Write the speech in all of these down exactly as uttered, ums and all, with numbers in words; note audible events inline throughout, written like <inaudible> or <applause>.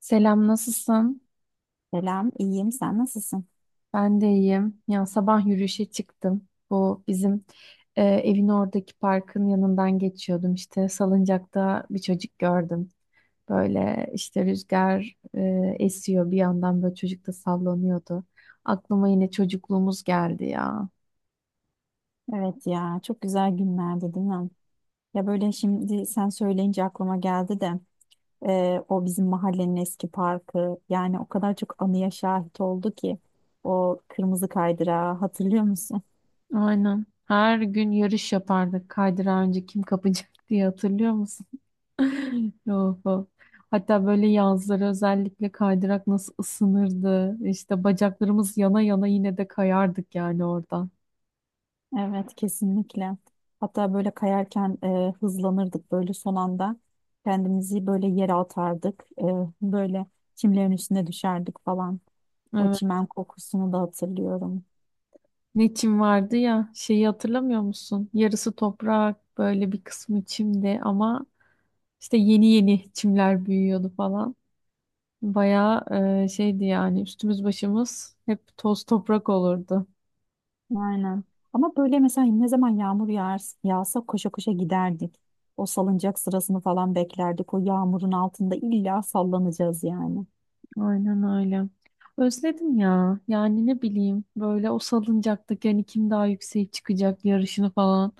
Selam, nasılsın? Selam, iyiyim. Sen nasılsın? Ben de iyiyim. Ya sabah yürüyüşe çıktım. Bu bizim e, evin oradaki parkın yanından geçiyordum. İşte salıncakta bir çocuk gördüm. Böyle işte rüzgar e, esiyor bir yandan böyle çocuk da sallanıyordu. Aklıma yine çocukluğumuz geldi ya. Evet ya, çok güzel günlerdi değil mi? Ya böyle şimdi sen söyleyince aklıma geldi de e, o bizim mahallenin eski parkı yani o kadar çok anıya şahit oldu ki o kırmızı kaydırağı hatırlıyor musun? Aynen. Her gün yarış yapardık. Kaydırağı önce kim kapacak <laughs> diye hatırlıyor musun? Of, of. Hatta böyle yazları özellikle kaydırak nasıl ısınırdı. İşte bacaklarımız yana yana yine de kayardık yani orada. Evet kesinlikle. Hatta böyle kayarken e, hızlanırdık böyle son anda kendimizi böyle yere atardık, E, böyle çimlerin üstüne düşerdik falan. O Evet. çimen kokusunu da hatırlıyorum. Ne çim vardı ya şeyi hatırlamıyor musun? Yarısı toprak böyle bir kısmı çimdi ama işte yeni yeni çimler büyüyordu falan. Bayağı e, şeydi yani üstümüz başımız hep toz toprak olurdu. Aynen. Ama böyle mesela ne zaman yağmur yağar, yağsa koşa koşa giderdik. O salıncak sırasını falan beklerdik. O yağmurun altında illa sallanacağız yani. Aynen öyle. Özledim ya. Yani ne bileyim böyle o salıncaktaki hani kim daha yükseğe çıkacak yarışını falan.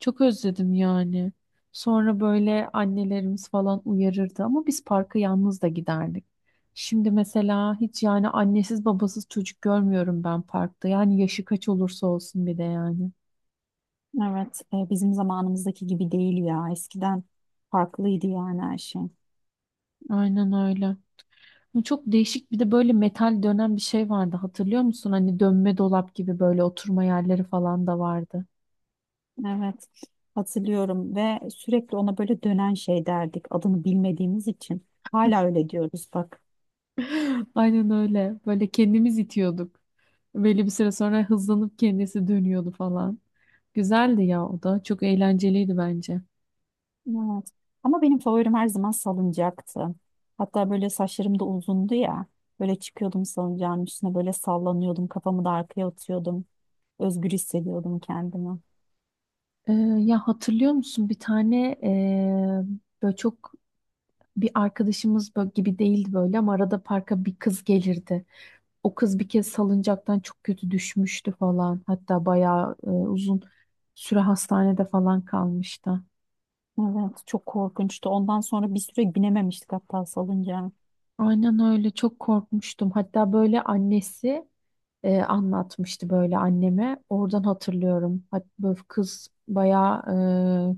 Çok özledim yani. Sonra böyle annelerimiz falan uyarırdı ama biz parka yalnız da giderdik. Şimdi mesela hiç yani annesiz babasız çocuk görmüyorum ben parkta. Yani yaşı kaç olursa olsun bir de yani. Evet, e, bizim zamanımızdaki gibi değil ya. Eskiden farklıydı yani her şey. Aynen öyle. Bu çok değişik bir de böyle metal dönen bir şey vardı hatırlıyor musun? Hani dönme dolap gibi böyle oturma yerleri falan da vardı. Evet, hatırlıyorum ve sürekli ona böyle dönen şey derdik adını bilmediğimiz için. Hala öyle diyoruz bak. <laughs> Aynen öyle. Böyle kendimiz itiyorduk. Belli bir süre sonra hızlanıp kendisi dönüyordu falan. Güzeldi ya o da. Çok eğlenceliydi bence. Evet. Ama benim favorim her zaman salıncaktı. Hatta böyle saçlarım da uzundu ya. Böyle çıkıyordum salıncağın üstüne böyle sallanıyordum. Kafamı da arkaya atıyordum. Özgür hissediyordum kendimi. Ee, ya hatırlıyor musun bir tane ee, böyle çok bir arkadaşımız böyle gibi değildi böyle ama arada parka bir kız gelirdi. O kız bir kez salıncaktan çok kötü düşmüştü falan. Hatta bayağı e, uzun süre hastanede falan kalmıştı. Evet, çok korkunçtu. Ondan sonra bir süre binememiştik hatta salıncağa. Aynen öyle çok korkmuştum. Hatta böyle annesi e, anlatmıştı böyle anneme. Oradan hatırlıyorum. Hatta böyle kız bayağı e,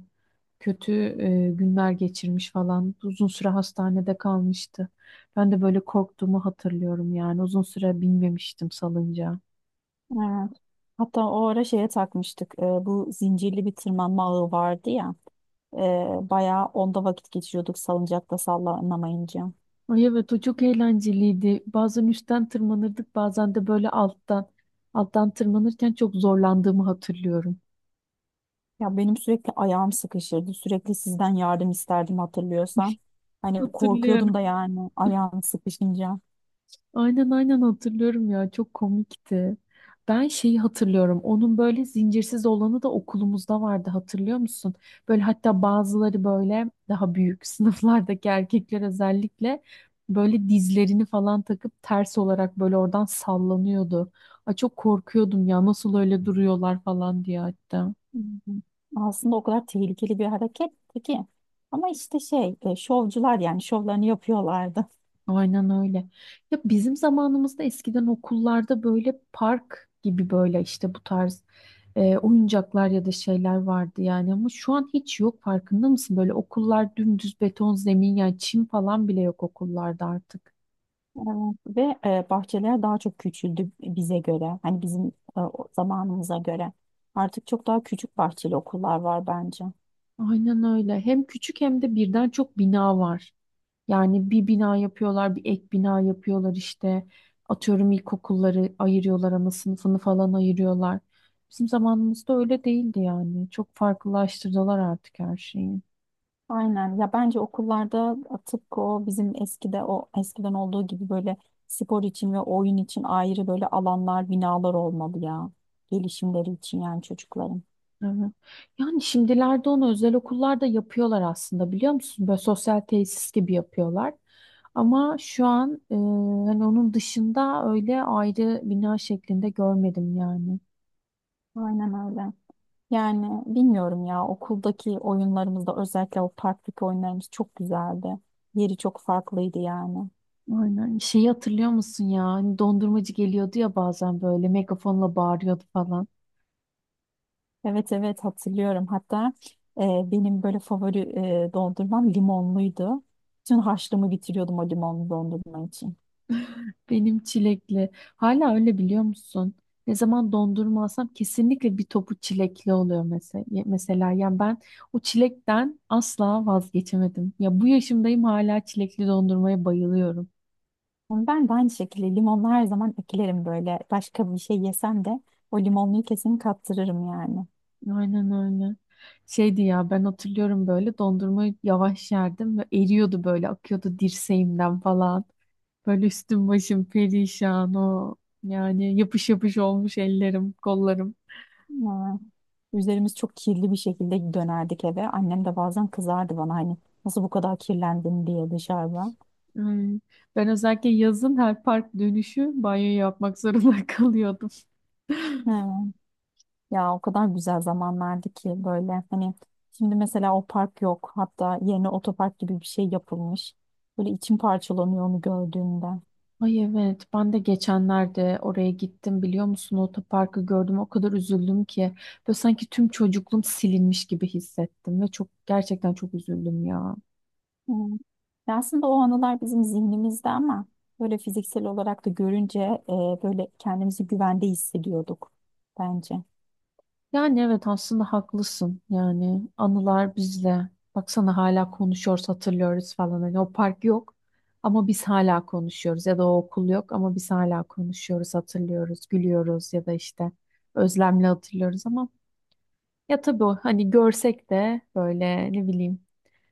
kötü e, günler geçirmiş falan. Uzun süre hastanede kalmıştı. Ben de böyle korktuğumu hatırlıyorum yani. Uzun süre binmemiştim salıncağa. Evet. Hatta o ara şeye takmıştık. E, bu zincirli bir tırmanma ağı vardı ya. Ee, bayağı onda vakit geçiriyorduk salıncakta sallanamayınca. Ay evet o çok eğlenceliydi. Bazen üstten tırmanırdık bazen de böyle alttan. Alttan tırmanırken çok zorlandığımı hatırlıyorum. Ya benim sürekli ayağım sıkışırdı. Sürekli sizden yardım isterdim hatırlıyorsan. Hani Hatırlıyorum. korkuyordum da yani ayağım sıkışınca. Aynen aynen hatırlıyorum ya çok komikti. Ben şeyi hatırlıyorum. Onun böyle zincirsiz olanı da okulumuzda vardı hatırlıyor musun? Böyle hatta bazıları böyle daha büyük <laughs> sınıflardaki erkekler özellikle böyle dizlerini falan takıp ters olarak böyle oradan sallanıyordu. Ay çok korkuyordum ya nasıl öyle duruyorlar falan diye hatta. Hı hı. Aslında o kadar tehlikeli bir hareketti ki. Ama işte şey e, şovcular yani şovlarını yapıyorlardı. Aynen öyle. Ya bizim zamanımızda eskiden okullarda böyle park gibi böyle işte bu tarz e, oyuncaklar ya da şeyler vardı yani ama şu an hiç yok farkında mısın? Böyle okullar dümdüz beton zemin yani çim falan bile yok okullarda artık. Ve e, bahçeler daha çok küçüldü bize göre. Hani bizim e, o zamanımıza göre. Artık çok daha küçük bahçeli okullar var bence. Aynen öyle. Hem küçük hem de birden çok bina var. Yani bir bina yapıyorlar, bir ek bina yapıyorlar işte. Atıyorum ilkokulları ayırıyorlar, ama sınıfını falan ayırıyorlar. Bizim zamanımızda öyle değildi yani. Çok farklılaştırdılar artık her şeyi. Aynen ya bence okullarda tıpkı o bizim eskide o eskiden olduğu gibi böyle spor için ve oyun için ayrı böyle alanlar binalar olmalı ya gelişimleri için yani çocukların. Evet. Yani şimdilerde onu özel okullarda yapıyorlar aslında biliyor musun? Böyle sosyal tesis gibi yapıyorlar. Ama şu an e, hani onun dışında öyle ayrı bina şeklinde görmedim yani. Aynen öyle. Yani bilmiyorum ya okuldaki oyunlarımızda özellikle o parktaki oyunlarımız çok güzeldi. Yeri çok farklıydı yani. Aynen. Şeyi hatırlıyor musun ya? Hani dondurmacı geliyordu ya bazen böyle megafonla bağırıyordu falan. Evet evet hatırlıyorum. Hatta e, benim böyle favori e, dondurmam limonluydu. Bütün harçlığımı bitiriyordum o limonlu dondurma için. Benim çilekli. Hala öyle biliyor musun? Ne zaman dondurma alsam kesinlikle bir topu çilekli oluyor mesela. Mesela yani ben o çilekten asla vazgeçemedim. Ya bu yaşımdayım hala çilekli dondurmaya bayılıyorum. Ben de aynı şekilde limonlu her zaman eklerim böyle. Başka bir şey yesem de o limonluyu kesin kaptırırım yani. Aynen öyle. Şeydi ya ben hatırlıyorum böyle dondurmayı yavaş yerdim ve eriyordu böyle akıyordu dirseğimden falan. Böyle üstüm başım perişan o yani yapış yapış olmuş ellerim, kollarım. Ama üzerimiz çok kirli bir şekilde dönerdik eve. Annem de bazen kızardı bana hani nasıl bu kadar kirlendin diye dışarıda. Ay, ben özellikle yazın her park dönüşü banyo yapmak zorunda <laughs> kalıyordum. Evet. Ya o kadar güzel zamanlardı ki böyle hani şimdi mesela o park yok. Hatta yerine otopark gibi bir şey yapılmış. Böyle içim parçalanıyor onu gördüğümde. Ay evet ben de geçenlerde oraya gittim biliyor musun? Otoparkı gördüm o kadar üzüldüm ki. Böyle sanki tüm çocukluğum silinmiş gibi hissettim ve çok gerçekten çok üzüldüm ya. Hmm. Ya aslında o anılar bizim zihnimizde ama böyle fiziksel olarak da görünce e, böyle kendimizi güvende hissediyorduk bence. Yani evet aslında haklısın. Yani anılar bizle. Baksana hala konuşuyoruz, hatırlıyoruz falan. Hani o park yok ama biz hala konuşuyoruz. Ya da o okul yok ama biz hala konuşuyoruz, hatırlıyoruz, gülüyoruz ya da işte özlemle hatırlıyoruz ama ya tabii o hani görsek de böyle ne bileyim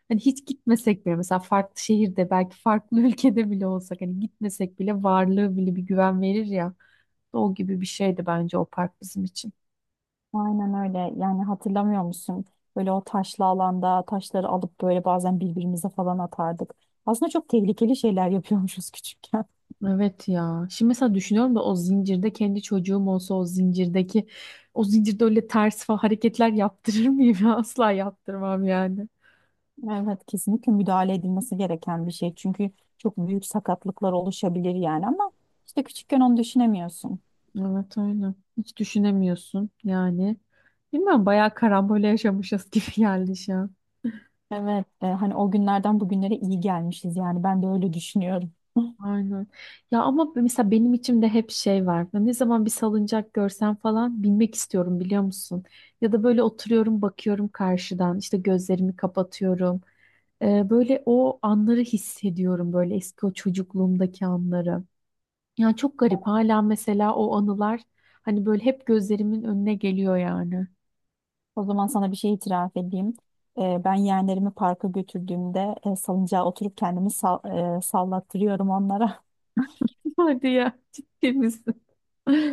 hani hiç gitmesek bile mesela farklı şehirde belki farklı <laughs> ülkede bile olsak hani gitmesek bile varlığı bile bir güven verir ya. O gibi bir şeydi bence o park bizim için. Aynen öyle. Yani hatırlamıyor musun? Böyle o taşlı alanda taşları alıp böyle bazen birbirimize falan atardık. Aslında çok tehlikeli şeyler yapıyormuşuz <laughs> küçükken. Evet ya. Şimdi mesela düşünüyorum da o zincirde kendi çocuğum olsa o zincirdeki o zincirde öyle ters falan hareketler yaptırır mıyım ya? <laughs> Asla yaptırmam yani. Evet, kesinlikle müdahale edilmesi gereken bir şey. Çünkü çok büyük sakatlıklar oluşabilir yani ama işte küçükken onu düşünemiyorsun. Evet öyle. Hiç düşünemiyorsun yani. Bilmiyorum bayağı karambole yaşamışız <laughs> gibi geldi şu an. Evet, e, hani o günlerden bugünlere iyi gelmişiz yani ben de öyle düşünüyorum. <laughs> Aynen. Ya ama mesela benim içimde hep şey var. Ben ne zaman bir salıncak görsem falan binmek istiyorum biliyor musun? Ya da böyle oturuyorum bakıyorum karşıdan işte gözlerimi kapatıyorum. Ee, böyle o anları hissediyorum böyle eski o çocukluğumdaki anları. Yani çok garip hala mesela o anılar hani böyle hep gözlerimin önüne geliyor yani. O zaman sana bir şey itiraf edeyim. E, ben yeğenlerimi parka götürdüğümde e, salıncağa oturup kendimi sal- e, sallattırıyorum onlara. <laughs> Hadi ya ciddi misin?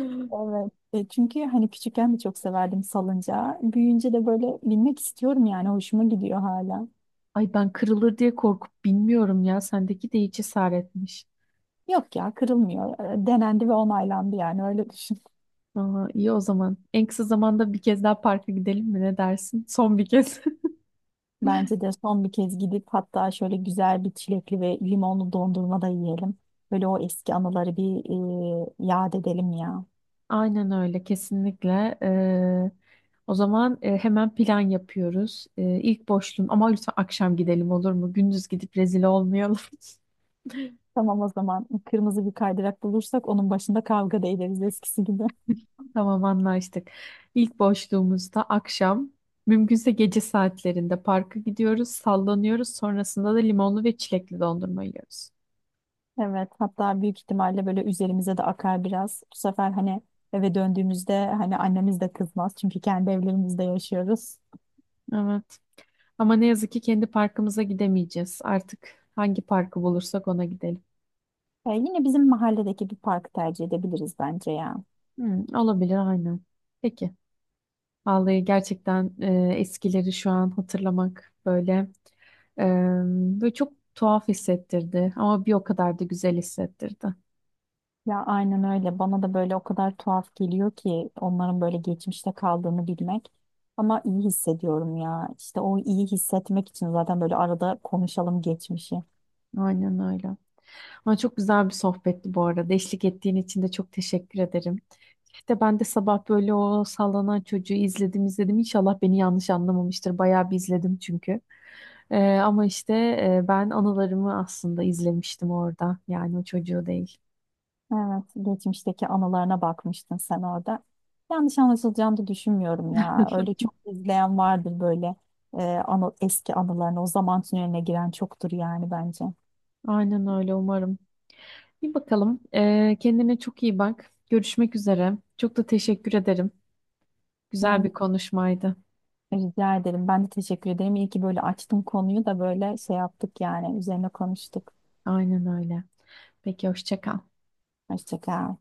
<laughs> Evet. E, çünkü hani küçükken de çok severdim salıncağı. Büyüyünce de böyle binmek istiyorum yani hoşuma gidiyor hala. Ay ben kırılır diye korkup bilmiyorum ya sendeki de hiç cesaretmiş. Yok ya kırılmıyor. E, denendi ve onaylandı yani öyle düşün. Aa, iyi o zaman. En kısa zamanda bir kez daha parka gidelim mi ne dersin? Son bir kez. Bence de son bir kez gidip hatta şöyle güzel bir çilekli ve limonlu dondurma da yiyelim. Böyle o eski anıları bir e, yad edelim ya. Aynen öyle kesinlikle. Ee, o zaman e, hemen plan yapıyoruz. Ee, ilk boşluğum ama lütfen akşam gidelim olur mu? Gündüz gidip rezil olmayalım. Tamam o zaman kırmızı bir kaydırak bulursak onun başında kavga da ederiz eskisi gibi. <laughs> <laughs> Tamam anlaştık. İlk boşluğumuzda akşam mümkünse gece saatlerinde parka gidiyoruz, sallanıyoruz. Sonrasında da limonlu ve çilekli dondurma yiyoruz. Evet hatta büyük ihtimalle böyle üzerimize de akar biraz. Bu sefer hani eve döndüğümüzde hani annemiz de kızmaz çünkü kendi evlerimizde yaşıyoruz. Evet. Ama ne yazık ki kendi parkımıza gidemeyeceğiz. Artık hangi parkı bulursak ona gidelim. E, yine bizim mahalledeki bir parkı tercih edebiliriz bence ya. Hmm, olabilir aynen. Peki. Vallahi gerçekten e, eskileri şu an hatırlamak böyle e, böyle çok tuhaf hissettirdi ama bir o kadar da güzel hissettirdi. Ya aynen öyle. Bana da böyle o kadar tuhaf geliyor ki onların böyle geçmişte kaldığını bilmek. Ama iyi hissediyorum ya. İşte o iyi hissetmek için zaten böyle arada konuşalım geçmişi. Aynen öyle. Ama çok güzel bir sohbetti bu arada. Eşlik ettiğin için de çok teşekkür ederim. İşte ben de sabah böyle o sallanan çocuğu izledim izledim. İnşallah beni yanlış anlamamıştır. Bayağı bir izledim çünkü. Ee, ama işte e, ben anılarımı aslında izlemiştim orada. Yani o çocuğu değil. Evet, geçmişteki anılarına bakmıştın sen orada. Yanlış anlaşılacağını da düşünmüyorum ya. Öyle çok izleyen vardır böyle e, anı, eski anılarını. O zaman tüneline giren çoktur yani bence. <laughs> Aynen öyle umarım. Bir bakalım. Ee, kendine çok iyi bak. Görüşmek üzere. Çok da teşekkür ederim. Güzel bir konuşmaydı. Rica ederim. Ben de teşekkür ederim. İyi ki böyle açtım konuyu da böyle şey yaptık yani. Üzerine konuştuk. Aynen öyle. Peki hoşça kal. Hoşça kal.